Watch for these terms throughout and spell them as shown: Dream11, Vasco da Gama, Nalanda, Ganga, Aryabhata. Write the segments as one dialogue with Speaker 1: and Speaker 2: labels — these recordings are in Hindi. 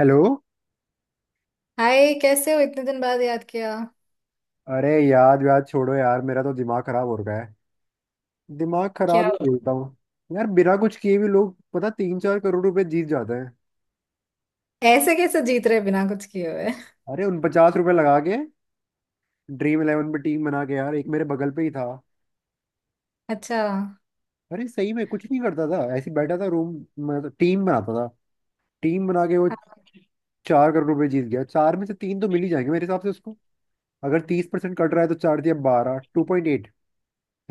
Speaker 1: हेलो।
Speaker 2: हाय, कैसे हो? इतने दिन बाद याद किया।
Speaker 1: अरे, याद याद छोड़ो यार, मेरा तो दिमाग खराब हो रखा है। दिमाग खराब
Speaker 2: क्या
Speaker 1: ही
Speaker 2: हो?
Speaker 1: बोलता हूँ। यार बिना कुछ किए भी लोग, पता, तीन चार करोड़ रुपए जीत जाते हैं।
Speaker 2: ऐसे कैसे जीत रहे बिना कुछ किए हुए?
Speaker 1: अरे, उन 50 रुपए लगा के ड्रीम इलेवन पे टीम बना के यार एक मेरे बगल पे ही था।
Speaker 2: अच्छा। आप
Speaker 1: अरे सही में कुछ नहीं करता था, ऐसे ही बैठा था रूम, मतलब टीम बनाता था। टीम बना के वो 4 करोड़ रुपए जीत गया। चार में से तीन तो मिल ही जाएंगे मेरे हिसाब से उसको। अगर 30% कट रहा है तो चार दिया बारह, 2.8,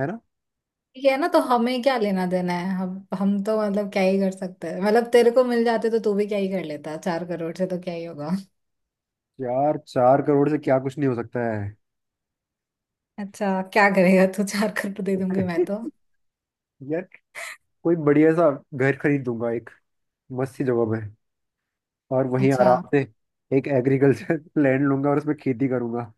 Speaker 1: है ना।
Speaker 2: ठीक है ना, तो हमें क्या लेना देना है। हम तो मतलब क्या ही कर सकते हैं। मतलब तेरे को मिल जाते तो तू भी क्या ही कर लेता, चार करोड़ से तो क्या ही होगा।
Speaker 1: यार 4 करोड़ से क्या कुछ नहीं हो सकता है।
Speaker 2: अच्छा, क्या करेगा तू? चार करोड़ दे दूंगी मैं तो।
Speaker 1: यार कोई बढ़िया सा घर खरीद दूंगा एक मस्त सी जगह पे, और वहीं
Speaker 2: अच्छा,
Speaker 1: आराम से एक एग्रीकल्चर लैंड लूंगा और उसमें खेती करूंगा।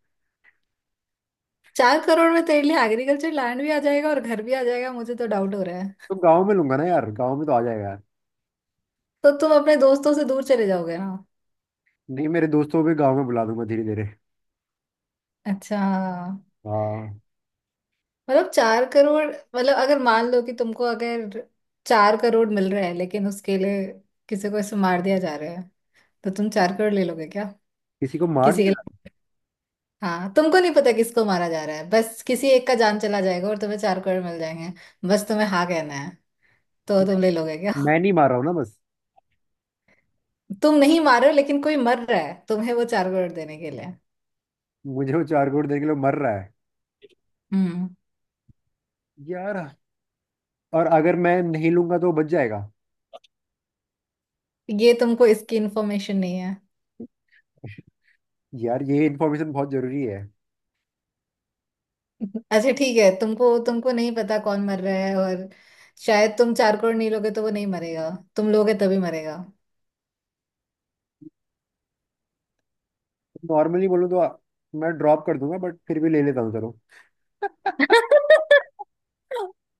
Speaker 2: चार करोड़ में तेरे लिए एग्रीकल्चर लैंड भी आ जाएगा और घर भी आ जाएगा? मुझे तो डाउट हो रहा है।
Speaker 1: तो गांव में लूंगा ना यार, गांव में तो आ जाएगा यार।
Speaker 2: तो तुम अपने दोस्तों से दूर चले जाओगे ना?
Speaker 1: नहीं, मेरे दोस्तों को भी गांव में बुला दूंगा धीरे धीरे।
Speaker 2: अच्छा।
Speaker 1: हाँ।
Speaker 2: मतलब चार करोड़, मतलब अगर मान लो कि तुमको अगर चार करोड़ मिल रहे हैं, लेकिन उसके लिए किसी को ऐसे मार दिया जा रहा है, तो तुम चार करोड़ ले लोगे क्या?
Speaker 1: किसी को मार
Speaker 2: किसी के
Speaker 1: दिया ना।
Speaker 2: लिए, हाँ, तुमको नहीं पता किसको मारा जा रहा है, बस किसी एक का जान चला जाएगा और तुम्हें चार करोड़ मिल जाएंगे। बस तुम्हें हाँ कहना है। तो तुम ले लोगे क्या?
Speaker 1: मैं नहीं मार रहा हूँ ना, बस।
Speaker 2: तुम नहीं मार रहे हो, लेकिन कोई मर रहा है तुम्हें वो चार करोड़ देने के लिए।
Speaker 1: मुझे वो 4 करोड़ देने के लिए मर रहा है
Speaker 2: हम्म।
Speaker 1: यार। और अगर मैं नहीं लूंगा तो वो बच जाएगा।
Speaker 2: ये तुमको इसकी इन्फॉर्मेशन नहीं?
Speaker 1: यार ये इन्फॉर्मेशन बहुत जरूरी है।
Speaker 2: अच्छा, ठीक है, तुमको तुमको नहीं पता कौन मर रहा है, और शायद तुम चार करोड़ नहीं लोगे तो वो नहीं मरेगा, तुम लोगे तभी मरेगा।
Speaker 1: नॉर्मली बोलूँ तो मैं ड्रॉप कर दूंगा, बट फिर भी ले लेता हूँ, चलो।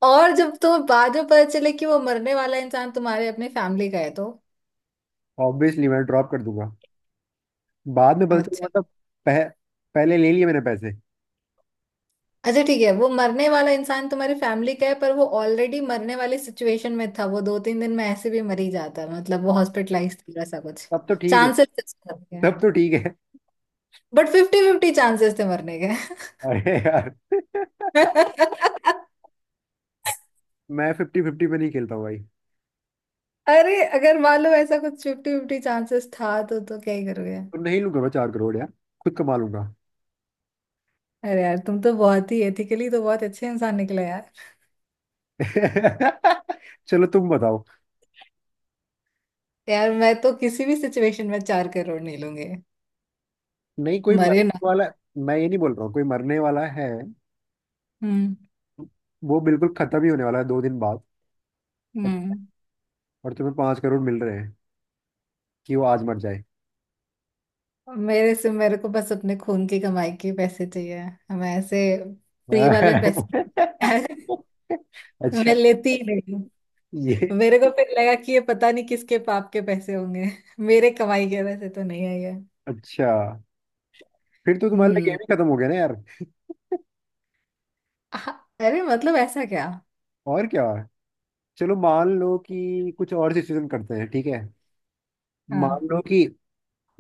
Speaker 2: और जब तुम्हें बाद में पता चले कि वो मरने वाला इंसान तुम्हारे अपने फैमिली का है तो?
Speaker 1: ऑब्वियसली मैं ड्रॉप कर दूंगा। बाद में पता चला
Speaker 2: अच्छा।
Speaker 1: मतलब, पह, पहले ले लिए मैंने पैसे।
Speaker 2: अच्छा ठीक है, वो मरने वाला इंसान तुम्हारी फैमिली का है, पर वो ऑलरेडी मरने वाली सिचुएशन में था, वो दो तीन दिन में ऐसे भी मर ही जाता, मतलब वो हॉस्पिटलाइज था, ऐसा कुछ
Speaker 1: तब तो ठीक है।
Speaker 2: चांसेस थे उसके मरने के,
Speaker 1: तब तो ठीक है।
Speaker 2: बट फिफ्टी फिफ्टी चांसेस थे मरने के।
Speaker 1: अरे यार। मैं फिफ्टी फिफ्टी पे नहीं खेलता हूँ भाई।
Speaker 2: अरे अगर मान लो ऐसा कुछ फिफ्टी फिफ्टी चांसेस था तो क्या ही करोगे?
Speaker 1: तो नहीं लूंगा मैं 4 करोड़ यार, खुद कमा लूंगा।
Speaker 2: अरे यार, तुम तो बहुत ही एथिकली तो बहुत अच्छे इंसान निकले यार।
Speaker 1: चलो तुम बताओ।
Speaker 2: यार मैं तो किसी भी सिचुएशन में चार करोड़ नहीं लूंगे।
Speaker 1: नहीं, कोई
Speaker 2: मरे ना।
Speaker 1: मरने वाला। मैं ये नहीं बोल रहा हूँ कोई मरने वाला है।
Speaker 2: हम्म।
Speaker 1: वो बिल्कुल खत्म ही होने वाला है 2 दिन बाद। और,
Speaker 2: हम्म।
Speaker 1: और तुम्हें 5 करोड़ मिल रहे हैं कि वो आज मर जाए।
Speaker 2: मेरे से मेरे को बस अपने खून की कमाई के पैसे चाहिए। हमें ऐसे फ्री वाले पैसे। मैं
Speaker 1: अच्छा।
Speaker 2: लेती ही नहीं।
Speaker 1: ये
Speaker 2: मेरे को फिर लगा कि ये पता नहीं किसके पाप के पैसे होंगे, मेरे कमाई के पैसे तो नहीं है ये।
Speaker 1: अच्छा, फिर तो तुम्हारे लिए गेम
Speaker 2: हम्म।
Speaker 1: ही खत्म हो गया ना यार।
Speaker 2: हाँ, अरे मतलब ऐसा क्या।
Speaker 1: और क्या। चलो मान लो कि कुछ और सिचुएशन करते हैं, ठीक है। मान
Speaker 2: हाँ।
Speaker 1: लो कि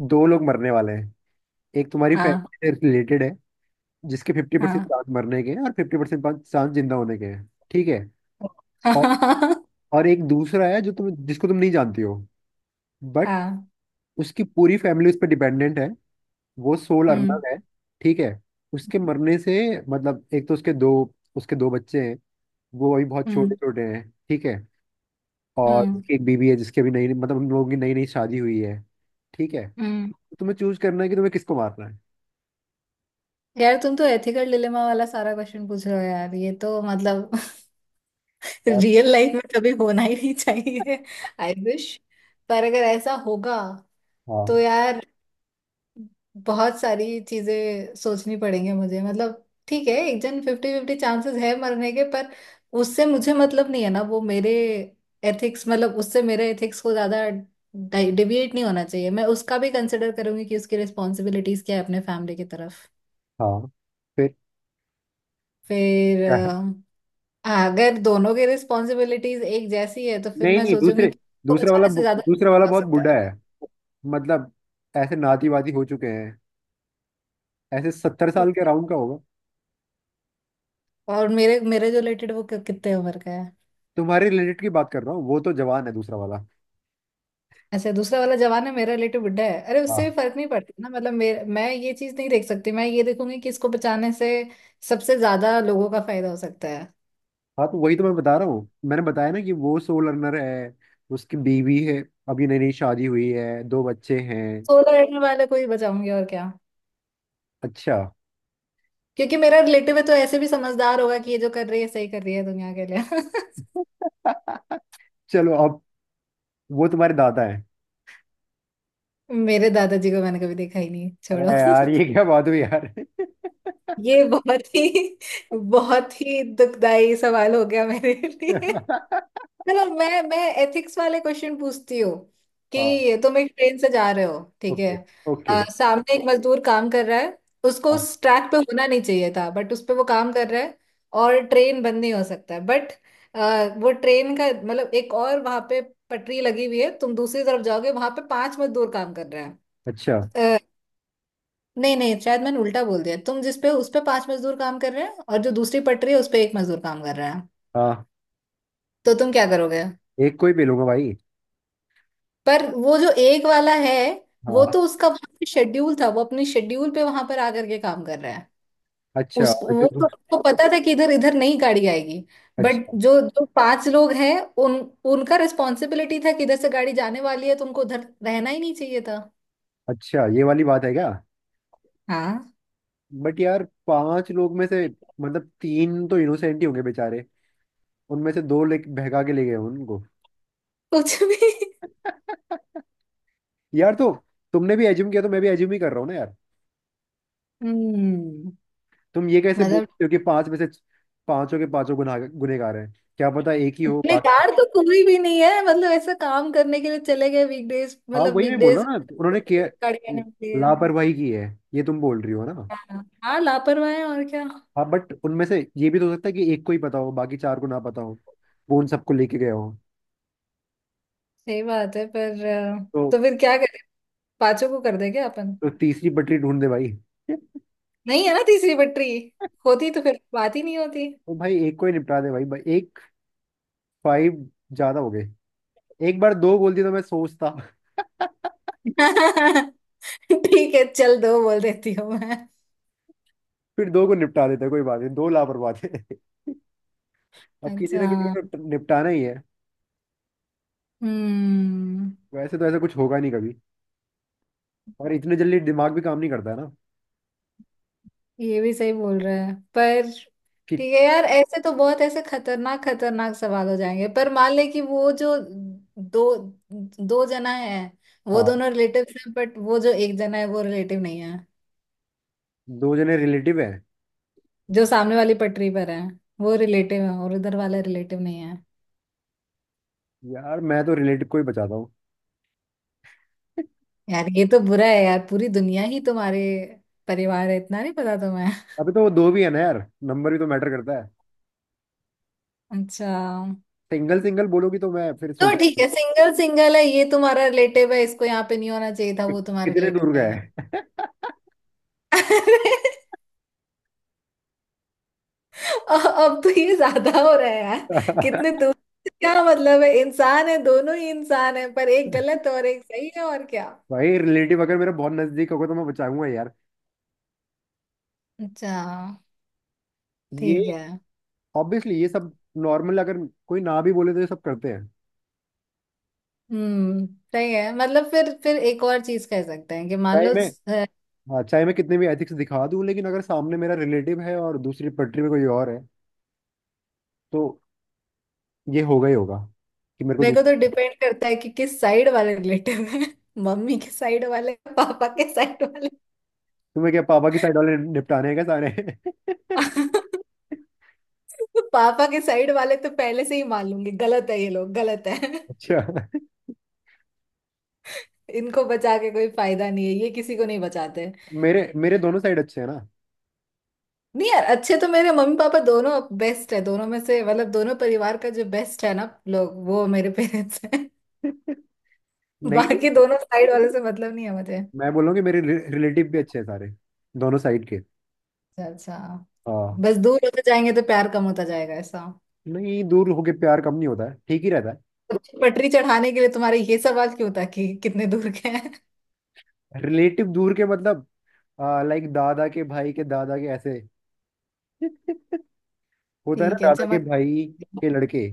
Speaker 1: दो लोग मरने वाले हैं। एक तुम्हारी
Speaker 2: हाँ,
Speaker 1: फैमिली से रिलेटेड है, जिसके 50%
Speaker 2: हाँ।
Speaker 1: चांस मरने के हैं और 50% चांस जिंदा होने के हैं, ठीक है। और
Speaker 2: हाहाहा।
Speaker 1: और एक दूसरा है, जो तुम जिसको तुम नहीं जानती हो, बट
Speaker 2: हाँ।
Speaker 1: उसकी पूरी फैमिली उस पर डिपेंडेंट है। वो सोल
Speaker 2: उम।
Speaker 1: अर्नब है, ठीक है। उसके मरने से मतलब, एक तो उसके दो बच्चे हैं, वो अभी बहुत छोटे
Speaker 2: उम।
Speaker 1: छोटे हैं, ठीक है। और
Speaker 2: उम।
Speaker 1: उसकी एक बीवी है, जिसकी अभी नई मतलब हम लोगों की नई नई शादी हुई है, ठीक है।
Speaker 2: उम।
Speaker 1: तो तुम्हें चूज करना है कि तुम्हें किसको मारना है
Speaker 2: यार तुम तो एथिकल डिलेमा वाला सारा क्वेश्चन पूछ रहे हो यार, ये तो मतलब
Speaker 1: यार।
Speaker 2: रियल लाइफ में कभी होना ही नहीं चाहिए। I wish. पर अगर ऐसा होगा
Speaker 1: हाँ
Speaker 2: तो यार बहुत सारी चीजें सोचनी पड़ेंगी मुझे, मतलब ठीक है एक जन फिफ्टी फिफ्टी चांसेस है मरने के, पर उससे मुझे मतलब नहीं है ना, वो मेरे एथिक्स, मतलब उससे मेरे एथिक्स को ज्यादा डिविएट नहीं होना चाहिए। मैं उसका भी कंसिडर करूंगी कि उसकी रिस्पॉन्सिबिलिटीज क्या है अपने फैमिली की तरफ।
Speaker 1: हाँ, फिर।
Speaker 2: फिर
Speaker 1: क्या है?
Speaker 2: अगर दोनों की रिस्पॉन्सिबिलिटीज एक जैसी है तो फिर
Speaker 1: नहीं
Speaker 2: मैं
Speaker 1: नहीं, दूसरे
Speaker 2: सोचूंगी कि उसको बचाने से ज्यादा
Speaker 1: दूसरा
Speaker 2: कोई
Speaker 1: वाला
Speaker 2: कर
Speaker 1: बहुत
Speaker 2: सकता
Speaker 1: बूढ़ा
Speaker 2: है।
Speaker 1: है, मतलब ऐसे नाती वाती हो चुके हैं, ऐसे 70 साल के अराउंड का होगा।
Speaker 2: और मेरे मेरे जो रिलेटेड, वो कितने उम्र का है?
Speaker 1: तुम्हारे रिलेटेड की बात कर रहा हूँ, वो तो जवान है दूसरा वाला।
Speaker 2: ऐसे दूसरा वाला जवान है, मेरा रिलेटिव बुढ़ा है, अरे उससे
Speaker 1: हाँ
Speaker 2: भी फर्क नहीं पड़ता ना। मतलब मेरे, मैं ये चीज नहीं देख सकती, मैं ये देखूंगी कि इसको बचाने से सबसे ज्यादा लोगों का फायदा हो सकता है।
Speaker 1: हाँ, तो वही तो मैं बता रहा हूँ। मैंने बताया ना कि वो सोल अर्नर है, उसकी बीवी है, अभी नई नई शादी हुई है, दो बच्चे हैं।
Speaker 2: सोलर एनर्जी वाले को ही बचाऊंगी और क्या।
Speaker 1: अच्छा।
Speaker 2: क्योंकि मेरा रिलेटिव है तो ऐसे भी समझदार होगा कि ये जो कर रही है सही कर रही है दुनिया के लिए।
Speaker 1: चलो अब। वो तुम्हारे दादा है।
Speaker 2: मेरे दादाजी को मैंने कभी देखा ही नहीं,
Speaker 1: अरे
Speaker 2: छोड़ो।
Speaker 1: यार ये क्या बात हुई यार।
Speaker 2: ये बहुत ही, बहुत ही दुखदाई सवाल हो गया मेरे लिए। चलो मैं एथिक्स वाले क्वेश्चन पूछती हूँ
Speaker 1: हाँ।
Speaker 2: कि तुम एक ट्रेन से जा रहे हो, ठीक है?
Speaker 1: Okay okay.
Speaker 2: सामने एक मजदूर काम कर रहा है। उसको
Speaker 1: हाँ,
Speaker 2: उस ट्रैक पे होना नहीं चाहिए था बट उस पे वो काम कर रहा है। और ट्रेन बंद नहीं हो सकता है बट वो ट्रेन का मतलब, एक और वहां पे पटरी लगी हुई है, तुम दूसरी तरफ जाओगे वहां पे पांच मजदूर काम कर रहे
Speaker 1: अच्छा,
Speaker 2: हैं। नहीं नहीं, शायद मैंने उल्टा बोल दिया, तुम जिस पे, उस पे पांच मजदूर काम कर रहे हैं और जो दूसरी पटरी है उस पे एक मजदूर काम कर रहा है।
Speaker 1: हाँ,
Speaker 2: तो तुम क्या करोगे?
Speaker 1: एक कोई भी लूंगा भाई।
Speaker 2: पर वो जो एक वाला है, वो
Speaker 1: हाँ,
Speaker 2: तो उसका वहां पे शेड्यूल था, वो अपनी शेड्यूल पे वहां पर आकर के काम कर रहा है।
Speaker 1: अच्छा।
Speaker 2: उस
Speaker 1: और जो,
Speaker 2: वो तो उसको पता था कि इधर इधर नहीं गाड़ी आएगी। बट
Speaker 1: अच्छा
Speaker 2: जो जो पांच लोग हैं, उन उनका रिस्पॉन्सिबिलिटी था कि इधर से गाड़ी जाने वाली है, तुमको उधर रहना ही नहीं चाहिए था।
Speaker 1: अच्छा, ये वाली बात है क्या?
Speaker 2: हाँ।
Speaker 1: बट यार पांच लोग में से, मतलब तीन तो इनोसेंट ही होंगे बेचारे, उनमें से दो ले भगा के ले गए उनको।
Speaker 2: कुछ भी।
Speaker 1: यार तो, तुमने भी एज्यूम किया तो मैं भी एज्यूम ही कर रहा हूँ ना यार।
Speaker 2: हम्म।
Speaker 1: तुम ये कैसे बोल
Speaker 2: मतलब
Speaker 1: सकते हो कि पांच में से पांचों के पांचों गुनाह गुनहगार हैं, क्या पता एक ही हो बाकी।
Speaker 2: बेकार तो कोई भी नहीं है, मतलब ऐसा काम करने के लिए चले गए, वीकडेज
Speaker 1: हाँ
Speaker 2: मतलब
Speaker 1: वही मैं बोल रहा
Speaker 2: वीकडेज
Speaker 1: हूँ ना, उन्होंने किया,
Speaker 2: करने के लिए।
Speaker 1: लापरवाही की है। ये तुम बोल रही हो ना।
Speaker 2: हाँ। हाँ, लापरवाह है और क्या।
Speaker 1: हाँ, बट उनमें से ये भी तो हो सकता है कि एक को ही पता हो बाकी चार को ना पता हो, वो उन सबको लेके गया हो।
Speaker 2: सही बात है, पर तो
Speaker 1: तो,
Speaker 2: फिर क्या करें, पांचों को कर देंगे अपन।
Speaker 1: तो तीसरी पटरी ढूंढ दे भाई। तो
Speaker 2: नहीं है ना तीसरी पटरी, होती तो फिर बात ही नहीं होती।
Speaker 1: भाई एक को ही निपटा दे, भाई भाई एक, फाइव ज्यादा हो गए। एक बार दो बोल दिया तो मैं सोचता।
Speaker 2: ठीक है चल, दो बोल देती हूँ मैं।
Speaker 1: फिर दो को निपटा देते कोई बात नहीं, दो लापरवाह थे। अब किसी ना किसी
Speaker 2: अच्छा।
Speaker 1: को निपटाना ही है।
Speaker 2: हम्म।
Speaker 1: वैसे तो ऐसा कुछ होगा नहीं कभी, और इतने जल्दी दिमाग भी काम नहीं करता है ना,
Speaker 2: ये भी सही बोल रहा है, पर
Speaker 1: कि।
Speaker 2: ठीक है यार, ऐसे तो बहुत ऐसे खतरनाक खतरनाक सवाल हो जाएंगे। पर मान ले कि वो जो दो दो जना है वो
Speaker 1: हाँ,
Speaker 2: दोनों रिलेटिव्स हैं, बट वो जो एक जना है वो रिलेटिव नहीं है।
Speaker 1: दो जने रिलेटिव है।
Speaker 2: जो सामने वाली पटरी पर है वो रिलेटिव है और उधर वाला रिलेटिव नहीं है।
Speaker 1: यार मैं तो रिलेटिव को ही बचाता हूँ।
Speaker 2: यार ये तो बुरा है यार, पूरी दुनिया ही तुम्हारे परिवार है, इतना नहीं पता तुम्हें?
Speaker 1: अभी तो वो दो भी है ना यार, नंबर भी तो मैटर करता है।
Speaker 2: अच्छा।
Speaker 1: सिंगल सिंगल बोलोगी तो मैं फिर
Speaker 2: तो ठीक
Speaker 1: सोचूंगा
Speaker 2: है, सिंगल सिंगल है, ये तुम्हारा रिलेटिव है, इसको यहाँ पे नहीं होना चाहिए था,
Speaker 1: कि
Speaker 2: वो तुम्हारा
Speaker 1: कितने
Speaker 2: रिलेटिव
Speaker 1: दूर
Speaker 2: नहीं
Speaker 1: गए।
Speaker 2: है। अ- अब तो ये ज्यादा हो रहा है यार। कितने दूर, क्या मतलब है? इंसान है, दोनों ही इंसान है, पर एक गलत और एक सही है, और क्या।
Speaker 1: भाई रिलेटिव अगर मेरा बहुत नजदीक होगा तो मैं बचाऊंगा यार।
Speaker 2: अच्छा।
Speaker 1: ये
Speaker 2: ठीक है।
Speaker 1: ऑब्वियसली ये सब नॉर्मल, अगर कोई ना भी बोले तो ये सब करते हैं।
Speaker 2: हम्म। सही है। मतलब फिर एक और चीज कह सकते हैं कि मान
Speaker 1: चाहे
Speaker 2: लो
Speaker 1: मैं हाँ, चाहे मैं कितने भी एथिक्स दिखा दूं, लेकिन अगर सामने मेरा रिलेटिव है और दूसरी पटरी में कोई और है, तो ये होगा ही होगा, कि मेरे को
Speaker 2: मेरे को तो
Speaker 1: दूसरा।
Speaker 2: डिपेंड करता है कि किस साइड वाले रिलेटिव है। मम्मी के साइड वाले, पापा के साइड वाले।
Speaker 1: तुम्हें क्या पापा की साइड वाले निपटाने हैं क्या सारे?
Speaker 2: पापा के साइड वाले तो पहले से ही मान लूंगी गलत है, ये लोग गलत है।
Speaker 1: अच्छा।
Speaker 2: इनको बचा के कोई फायदा नहीं है, ये किसी को नहीं बचाते।
Speaker 1: मेरे मेरे दोनों साइड अच्छे हैं ना।
Speaker 2: नहीं यार, अच्छे तो मेरे मम्मी पापा दोनों बेस्ट है, दोनों में से मतलब दोनों परिवार का जो बेस्ट है ना लोग, वो मेरे पेरेंट्स हैं।
Speaker 1: नहीं नहीं,
Speaker 2: बाकी दोनों साइड वाले से मतलब नहीं है मुझे।
Speaker 1: मैं बोल रहा हूँ कि मेरे रिलेटिव भी अच्छे हैं सारे, दोनों साइड के।
Speaker 2: अच्छा, अच्छा।
Speaker 1: हाँ।
Speaker 2: बस दूर होते जाएंगे तो प्यार कम होता जाएगा, ऐसा?
Speaker 1: नहीं, दूर होके प्यार कम नहीं होता है, ठीक ही रहता है।
Speaker 2: अच्छी पटरी चढ़ाने के लिए तुम्हारे ये सवाल क्यों था कि कितने दूर के हैं?
Speaker 1: रिलेटिव दूर के मतलब, लाइक दादा के भाई के, दादा के, ऐसे। होता है ना,
Speaker 2: ठीक है
Speaker 1: दादा के
Speaker 2: चमक।
Speaker 1: भाई के लड़के।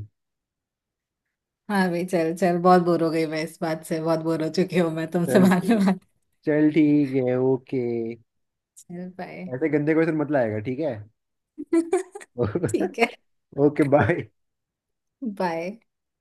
Speaker 2: हाँ भाई, चल चल बहुत बोर हो गई मैं, इस बात से बहुत बोर हो चुकी हूँ मैं तुमसे।
Speaker 1: चल
Speaker 2: बाद
Speaker 1: ठीक
Speaker 2: में बात।
Speaker 1: चल ठीक है, ओके।
Speaker 2: चल बाय।
Speaker 1: ऐसे गंदे क्वेश्चन मत लाएगा, ठीक है।
Speaker 2: ठीक है।
Speaker 1: Okay, bye.
Speaker 2: बाय।